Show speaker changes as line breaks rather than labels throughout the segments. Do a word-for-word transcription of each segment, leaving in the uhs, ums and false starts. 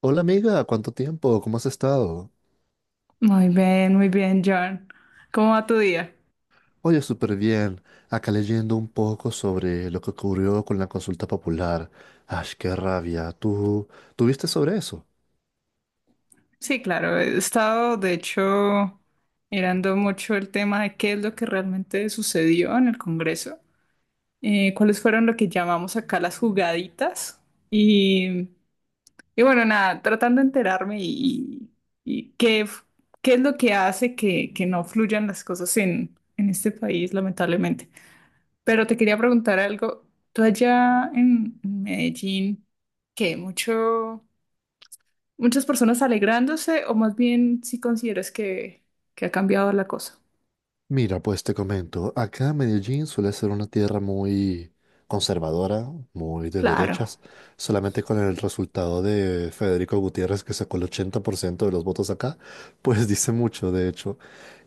Hola amiga, ¿cuánto tiempo? ¿Cómo has estado?
Muy bien, muy bien, John. ¿Cómo va tu día?
Oye, súper bien. Acá leyendo un poco sobre lo que ocurrió con la consulta popular. Ay, qué rabia. ¿Tú, tú viste sobre eso?
Sí, claro, he estado, de hecho, mirando mucho el tema de qué es lo que realmente sucedió en el Congreso, eh, cuáles fueron lo que llamamos acá las jugaditas y, y bueno, nada, tratando de enterarme y, y qué, f- qué es lo que hace que, que no fluyan las cosas en, en este país, lamentablemente. Pero te quería preguntar algo, tú allá en Medellín, ¿qué mucho? Muchas personas alegrándose, o más bien si consideras que, que ha cambiado la cosa.
Mira, pues te comento. Acá Medellín suele ser una tierra muy conservadora, muy de
Claro,
derechas. Solamente con el resultado de Federico Gutiérrez, que sacó el ochenta por ciento de los votos acá, pues dice mucho, de hecho.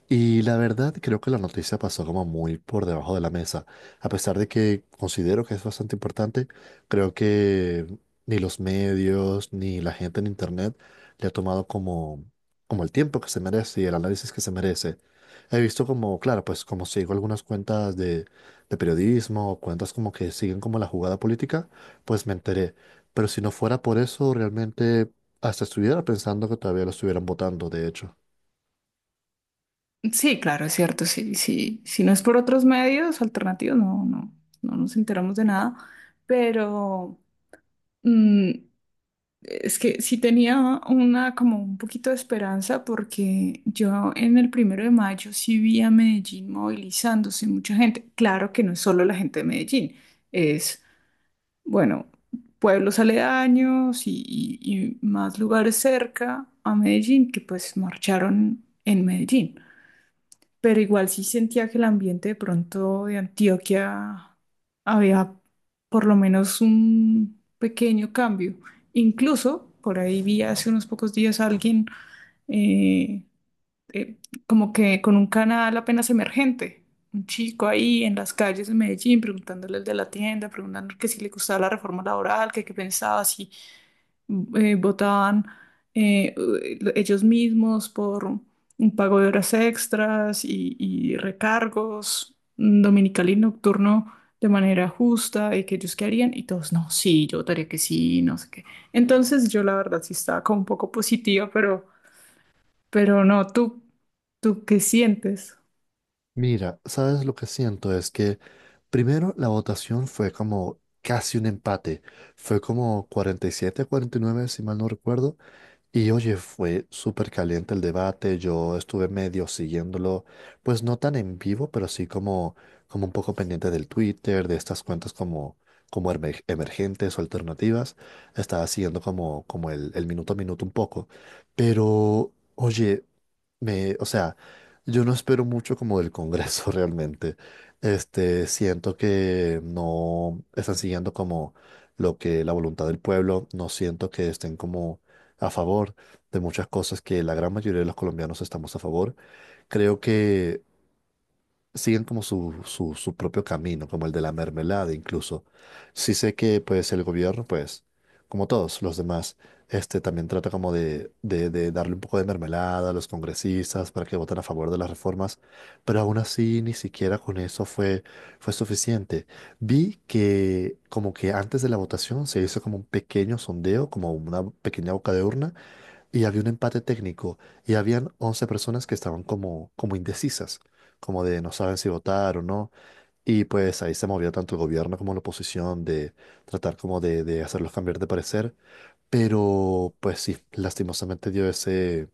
Y la verdad, creo que la noticia pasó como muy por debajo de la mesa. A pesar de que considero que es bastante importante, creo que ni los medios ni la gente en internet le ha tomado como, como el tiempo que se merece y el análisis que se merece. He visto como, claro, pues como sigo algunas cuentas de, de periodismo, cuentas como que siguen como la jugada política, pues me enteré. Pero si no fuera por eso, realmente hasta estuviera pensando que todavía lo estuvieran votando, de hecho.
sí, claro, es cierto. Sí, sí. Si no es por otros medios alternativos, no, no, no nos enteramos de nada. Pero mm, es que sí tenía una como un poquito de esperanza porque yo en el primero de mayo sí vi a Medellín movilizándose mucha gente. Claro que no es solo la gente de Medellín, es Bueno, pueblos aledaños y, y- y más lugares cerca a Medellín que pues marcharon en Medellín. Pero igual sí sentía que el ambiente de pronto de Antioquia había por lo menos un pequeño cambio. Incluso por ahí vi hace unos pocos días a alguien eh, eh, como que con un canal apenas emergente. Un chico ahí en las calles de Medellín preguntándole al de la tienda, preguntando que si le gustaba la reforma laboral, que qué pensaba, si eh, votaban eh, ellos mismos por un pago de horas extras y, y recargos mm, dominical y nocturno de manera justa y que ellos qué harían y todos, no, sí, yo votaría que sí, no sé qué. Entonces yo la verdad sí estaba como un poco positiva. pero... Pero no, tú, tú qué sientes?
Mira, ¿sabes lo que siento? Es que primero la votación fue como casi un empate. Fue como cuarenta y siete a cuarenta y nueve, si mal no recuerdo. Y oye, fue súper caliente el debate, yo estuve medio siguiéndolo, pues no tan en vivo, pero sí como, como un poco pendiente del Twitter, de estas cuentas como, como emer- emergentes o alternativas, estaba siguiendo como, como el, el minuto a minuto un poco, pero oye, me, o sea, yo no espero mucho como del Congreso realmente, este, siento que no están siguiendo como lo que la voluntad del pueblo, no siento que estén como a favor de muchas cosas que la gran mayoría de los colombianos estamos a favor, creo que siguen como su, su, su propio camino, como el de la mermelada incluso. Sí sé que pues el gobierno, pues, como todos los demás, este también trata como de, de, de darle un poco de mermelada a los congresistas para que voten a favor de las reformas, pero aún así ni siquiera con eso fue, fue suficiente. Vi que como que antes de la votación se hizo como un pequeño sondeo, como una pequeña boca de urna, y había un empate técnico y habían once personas que estaban como, como indecisas, como de no saben si votar o no. Y pues ahí se movió tanto el gobierno como la oposición de tratar como de, de hacerlos cambiar de parecer. Pero pues sí, lastimosamente dio ese,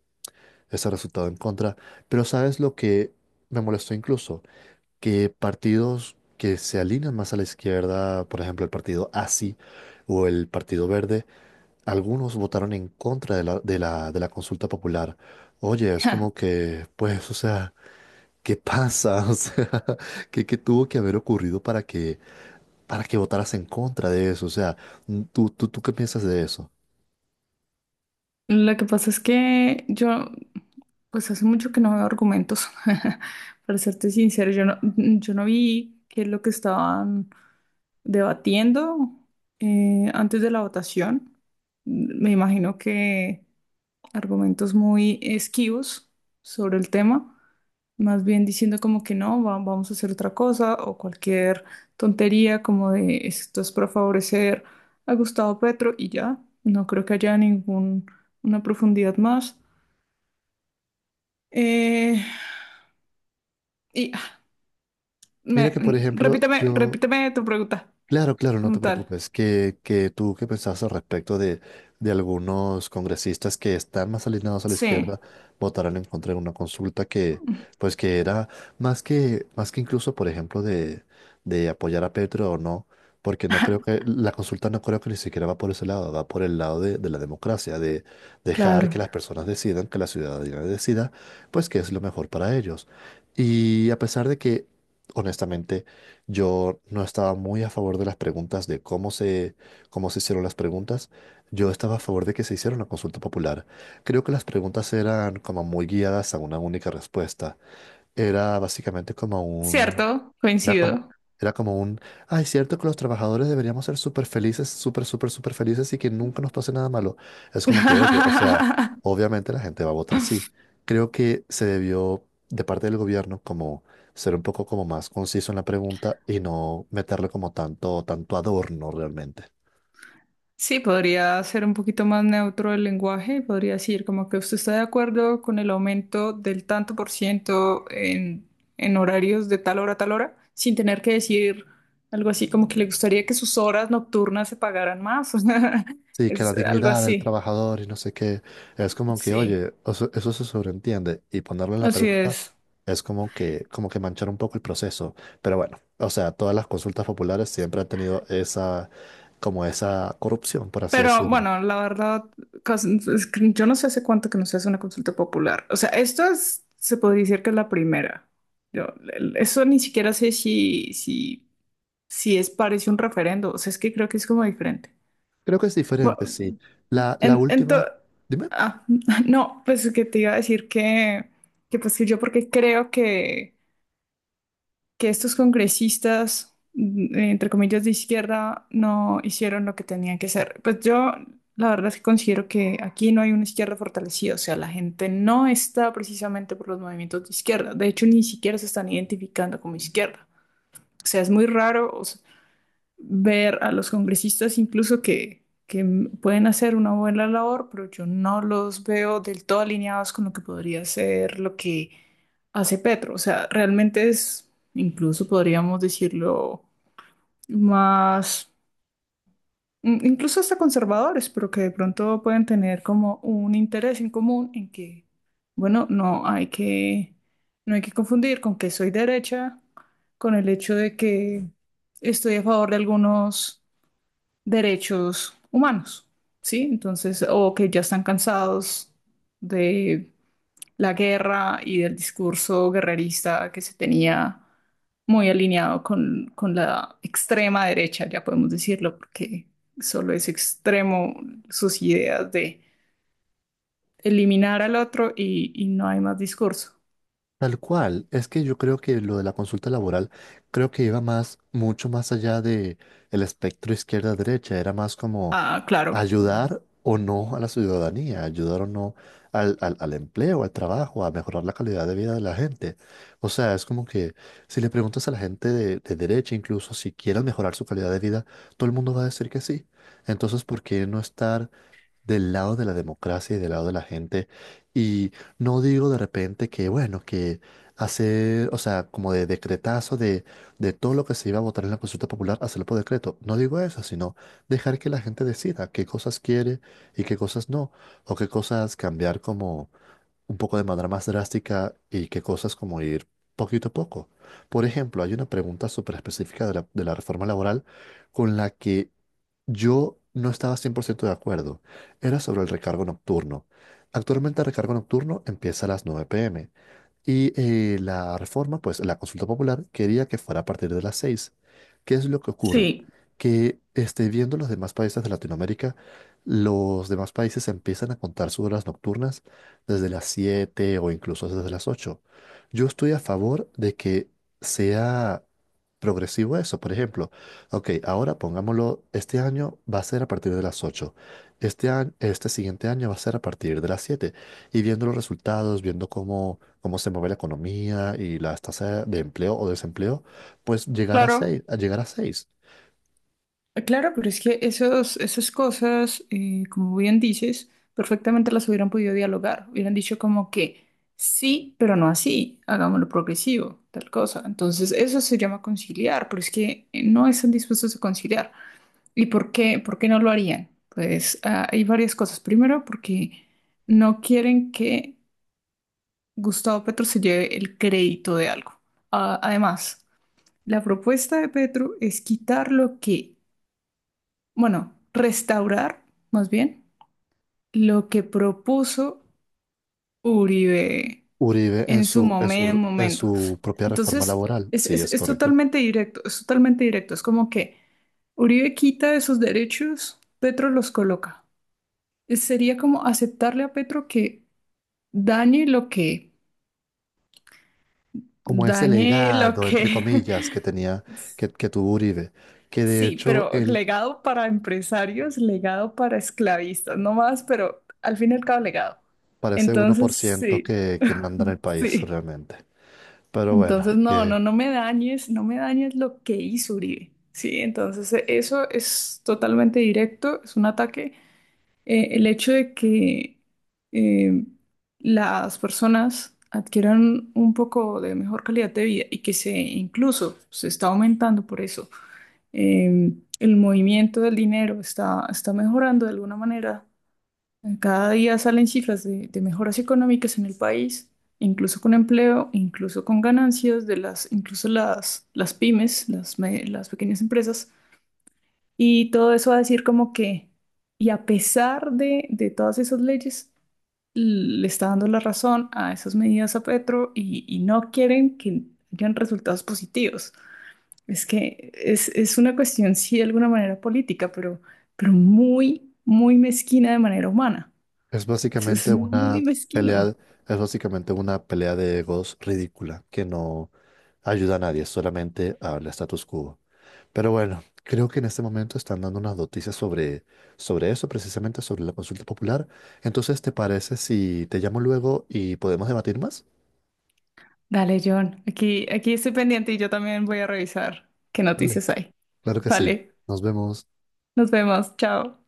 ese resultado en contra. Pero ¿sabes lo que me molestó incluso? Que partidos que se alinean más a la izquierda, por ejemplo el partido A S I o el Partido Verde, algunos votaron en contra de la, de la, de la consulta popular. Oye, es
Ja.
como que, pues, o sea, qué pasa? O sea, ¿qué, qué tuvo que haber ocurrido para que, para que votaras en contra de eso? O sea, ¿tú, tú, tú qué piensas de eso?
Lo que pasa es que yo, pues hace mucho que no veo argumentos. Para serte sincero, yo no, yo no vi qué es lo que estaban debatiendo eh, antes de la votación. Me imagino que argumentos muy esquivos sobre el tema, más bien diciendo como que no, va- vamos a hacer otra cosa o cualquier tontería como de esto es para favorecer a Gustavo Petro y ya, no creo que haya ningún una profundidad más. Eh, y ah,
Mira,
me-
que, por
mm,
ejemplo,
repíteme,
yo,
repíteme tu pregunta
claro, claro, no
como
te
tal.
preocupes. Que, que tú qué pensabas al respecto de, de algunos congresistas que están más alineados a la
Sí,
izquierda votaron en contra de una consulta que, pues que era más que, más que incluso, por ejemplo, de, de apoyar a Petro o no, porque no creo que, la consulta no creo que ni siquiera va por ese lado, va por el lado de, de la democracia, de dejar
claro.
que las personas decidan, que la ciudadanía decida, pues qué es lo mejor para ellos. Y a pesar de que, honestamente, yo no estaba muy a favor de las preguntas, de cómo se, cómo se hicieron las preguntas. Yo estaba a favor de que se hiciera una consulta popular. Creo que las preguntas eran como muy guiadas a una única respuesta. Era básicamente como un
Cierto,
era como,
coincido.
era como un, ay, es cierto que los trabajadores deberíamos ser súper felices, súper, súper, súper felices y que nunca nos pase nada malo. Es como que, oye, o sea, obviamente la gente va a votar sí. Creo que se debió, de parte del gobierno, como ser un poco como más conciso en la pregunta y no meterle como tanto, tanto adorno realmente.
Sí, podría ser un poquito más neutro el lenguaje, podría decir como que usted está de acuerdo con el aumento del tanto por ciento en, en horarios de tal hora a tal hora, sin tener que decir algo así como que le gustaría que sus horas nocturnas se pagaran más, o sea,
Sí, que la
es algo
dignidad del
así.
trabajador y no sé qué, es como que,
Sí,
oye, o sea, eso se sobreentiende y ponerlo en la
así
pregunta
es.
es como que, como que manchar un poco el proceso. Pero bueno, o sea, todas las consultas populares siempre han tenido esa, como esa corrupción, por así
Pero
decirlo.
bueno, la verdad, cos- es que yo no sé hace cuánto que no se hace una consulta popular. O sea, esto es- se podría decir que es la primera. Yo- el- Eso ni siquiera sé si, si sí es, parece un referendo, o sea, es que creo que es como diferente.
Creo que es diferente, sí.
Bueno,
La, la
en, en
última,
to-
dime,
ah, no, pues que te iba a decir que, que pues que yo porque creo que, que estos congresistas, mm, entre comillas, de izquierda, no hicieron lo que tenían que hacer. Pues yo, la verdad es que considero que aquí no hay una izquierda fortalecida, o sea, la gente no está precisamente por los movimientos de izquierda, de hecho, ni siquiera se están identificando como izquierda. O sea, es muy raro, ver a los congresistas incluso que, que m- pueden hacer una buena labor, pero yo no los veo del todo alineados con lo que podría ser lo que hace Petro. O sea, realmente es, incluso podríamos decirlo, más, mm, incluso hasta conservadores, pero que de pronto pueden tener como un interés en común en que, bueno, no hay que, no hay que confundir con que soy derecha, con el hecho de que estoy a favor de algunos derechos humanos, ¿sí? Entonces, o que ya están cansados de la guerra y del discurso guerrerista que se tenía muy alineado con, con la extrema derecha, ya podemos decirlo, porque solo es extremo sus ideas de eliminar al otro y, y no hay más discurso.
tal cual, es que yo creo que lo de la consulta laboral, creo que iba más, mucho más allá de el espectro izquierda-derecha, era más como
Ah, claro.
ayudar o no a la ciudadanía, ayudar o no al, al, al empleo, al trabajo, a mejorar la calidad de vida de la gente. O sea, es como que si le preguntas a la gente de, de derecha, incluso si quieren mejorar su calidad de vida, todo el mundo va a decir que sí. Entonces, ¿por qué no estar del lado de la democracia y del lado de la gente. Y no digo de repente que, bueno, que hacer, o sea, como de decretazo de, de todo lo que se iba a votar en la consulta popular, hacerlo por decreto. No digo eso, sino dejar que la gente decida qué cosas quiere y qué cosas no, o qué cosas cambiar como un poco de manera más drástica y que cosas como ir poquito a poco. Por ejemplo, hay una pregunta súper específica de la, de la reforma laboral con la que yo no estaba cien por ciento de acuerdo. Era sobre el recargo nocturno. Actualmente el recargo nocturno empieza a las nueve pm y eh, la reforma, pues la consulta popular quería que fuera a partir de las seis. ¿Qué es lo que ocurre?
Sí,
Que este, viendo los demás países de Latinoamérica, los demás países empiezan a contar sus horas nocturnas desde las siete o incluso desde las ocho. Yo estoy a favor de que sea progresivo eso. Por ejemplo, ok, ahora pongámoslo, este año va a ser a partir de las ocho. Este año, este siguiente año va a ser a partir de las siete. Y viendo los resultados, viendo cómo, cómo se mueve la economía y las tasas de empleo o desempleo, pues llegar a
claro.
seis. a llegar a seis.
Eh, Claro, pero es que esos, esas cosas, eh, como bien dices, perfectamente las hubieran podido dialogar. Hubieran dicho como que sí, pero no así, hagámoslo progresivo, tal cosa. Entonces, eso se llama conciliar, pero es que eh, no están dispuestos a conciliar. ¿Y por qué? ¿Por qué no lo harían? Pues ah, hay varias cosas. Primero, porque no quieren que Gustavo Petro se lleve el crédito de algo. Ah, además, la propuesta de Petro es quitar lo que bueno, restaurar más bien lo que propuso Uribe
Uribe en
en su
su, en
momen-
su, en
momento.
su propia reforma
Entonces,
laboral,
es,
sí,
es,
es
es
correcto.
totalmente directo, es totalmente directo. Es como que Uribe quita esos derechos, Petro los coloca. Es- Sería como aceptarle a Petro que dañe lo que,
Como ese
dañe lo
legado, entre
que.
comillas, que tenía, que, que tuvo Uribe, que de
Sí,
hecho
pero
él
legado para empresarios, legado para esclavistas, no más, pero al fin y al cabo legado.
parece uno por
Entonces,
ciento
sí,
que, que manda en el país
sí.
realmente. Pero bueno,
Entonces, no,
que
no, no me dañes, no me dañes lo que hizo Uribe. Sí, entonces e- eso es totalmente directo, es un ataque. Eh, el hecho de que eh, las personas adquieran un poco de mejor calidad de vida y que se incluso se está aumentando por eso. eh, el movimiento del dinero está, está mejorando de alguna manera. Cada día salen cifras de, de mejoras económicas en el país, incluso con empleo, incluso con ganancias de las, incluso las, las pymes, las, me- las pequeñas empresas. Y todo eso va a decir como que, y a pesar de, de todas esas leyes, l- le está dando la razón a esas medidas a Petro y, y no quieren que hayan resultados positivos. Es que es, es, una cuestión, sí, de alguna manera política, pero, pero muy, muy mezquina de manera humana.
es
Eso es
básicamente
muy
una
mezquino.
pelea, es básicamente una pelea de egos ridícula, que no ayuda a nadie, solamente al status quo. Pero bueno, creo que en este momento están dando unas noticias sobre, sobre eso, precisamente sobre la consulta popular. Entonces, ¿te parece si te llamo luego y podemos debatir más?
Dale, John, aquí, aquí estoy pendiente y yo también voy a revisar qué
Dale.
noticias hay.
Claro que sí.
Vale,
Nos vemos.
nos vemos, chao.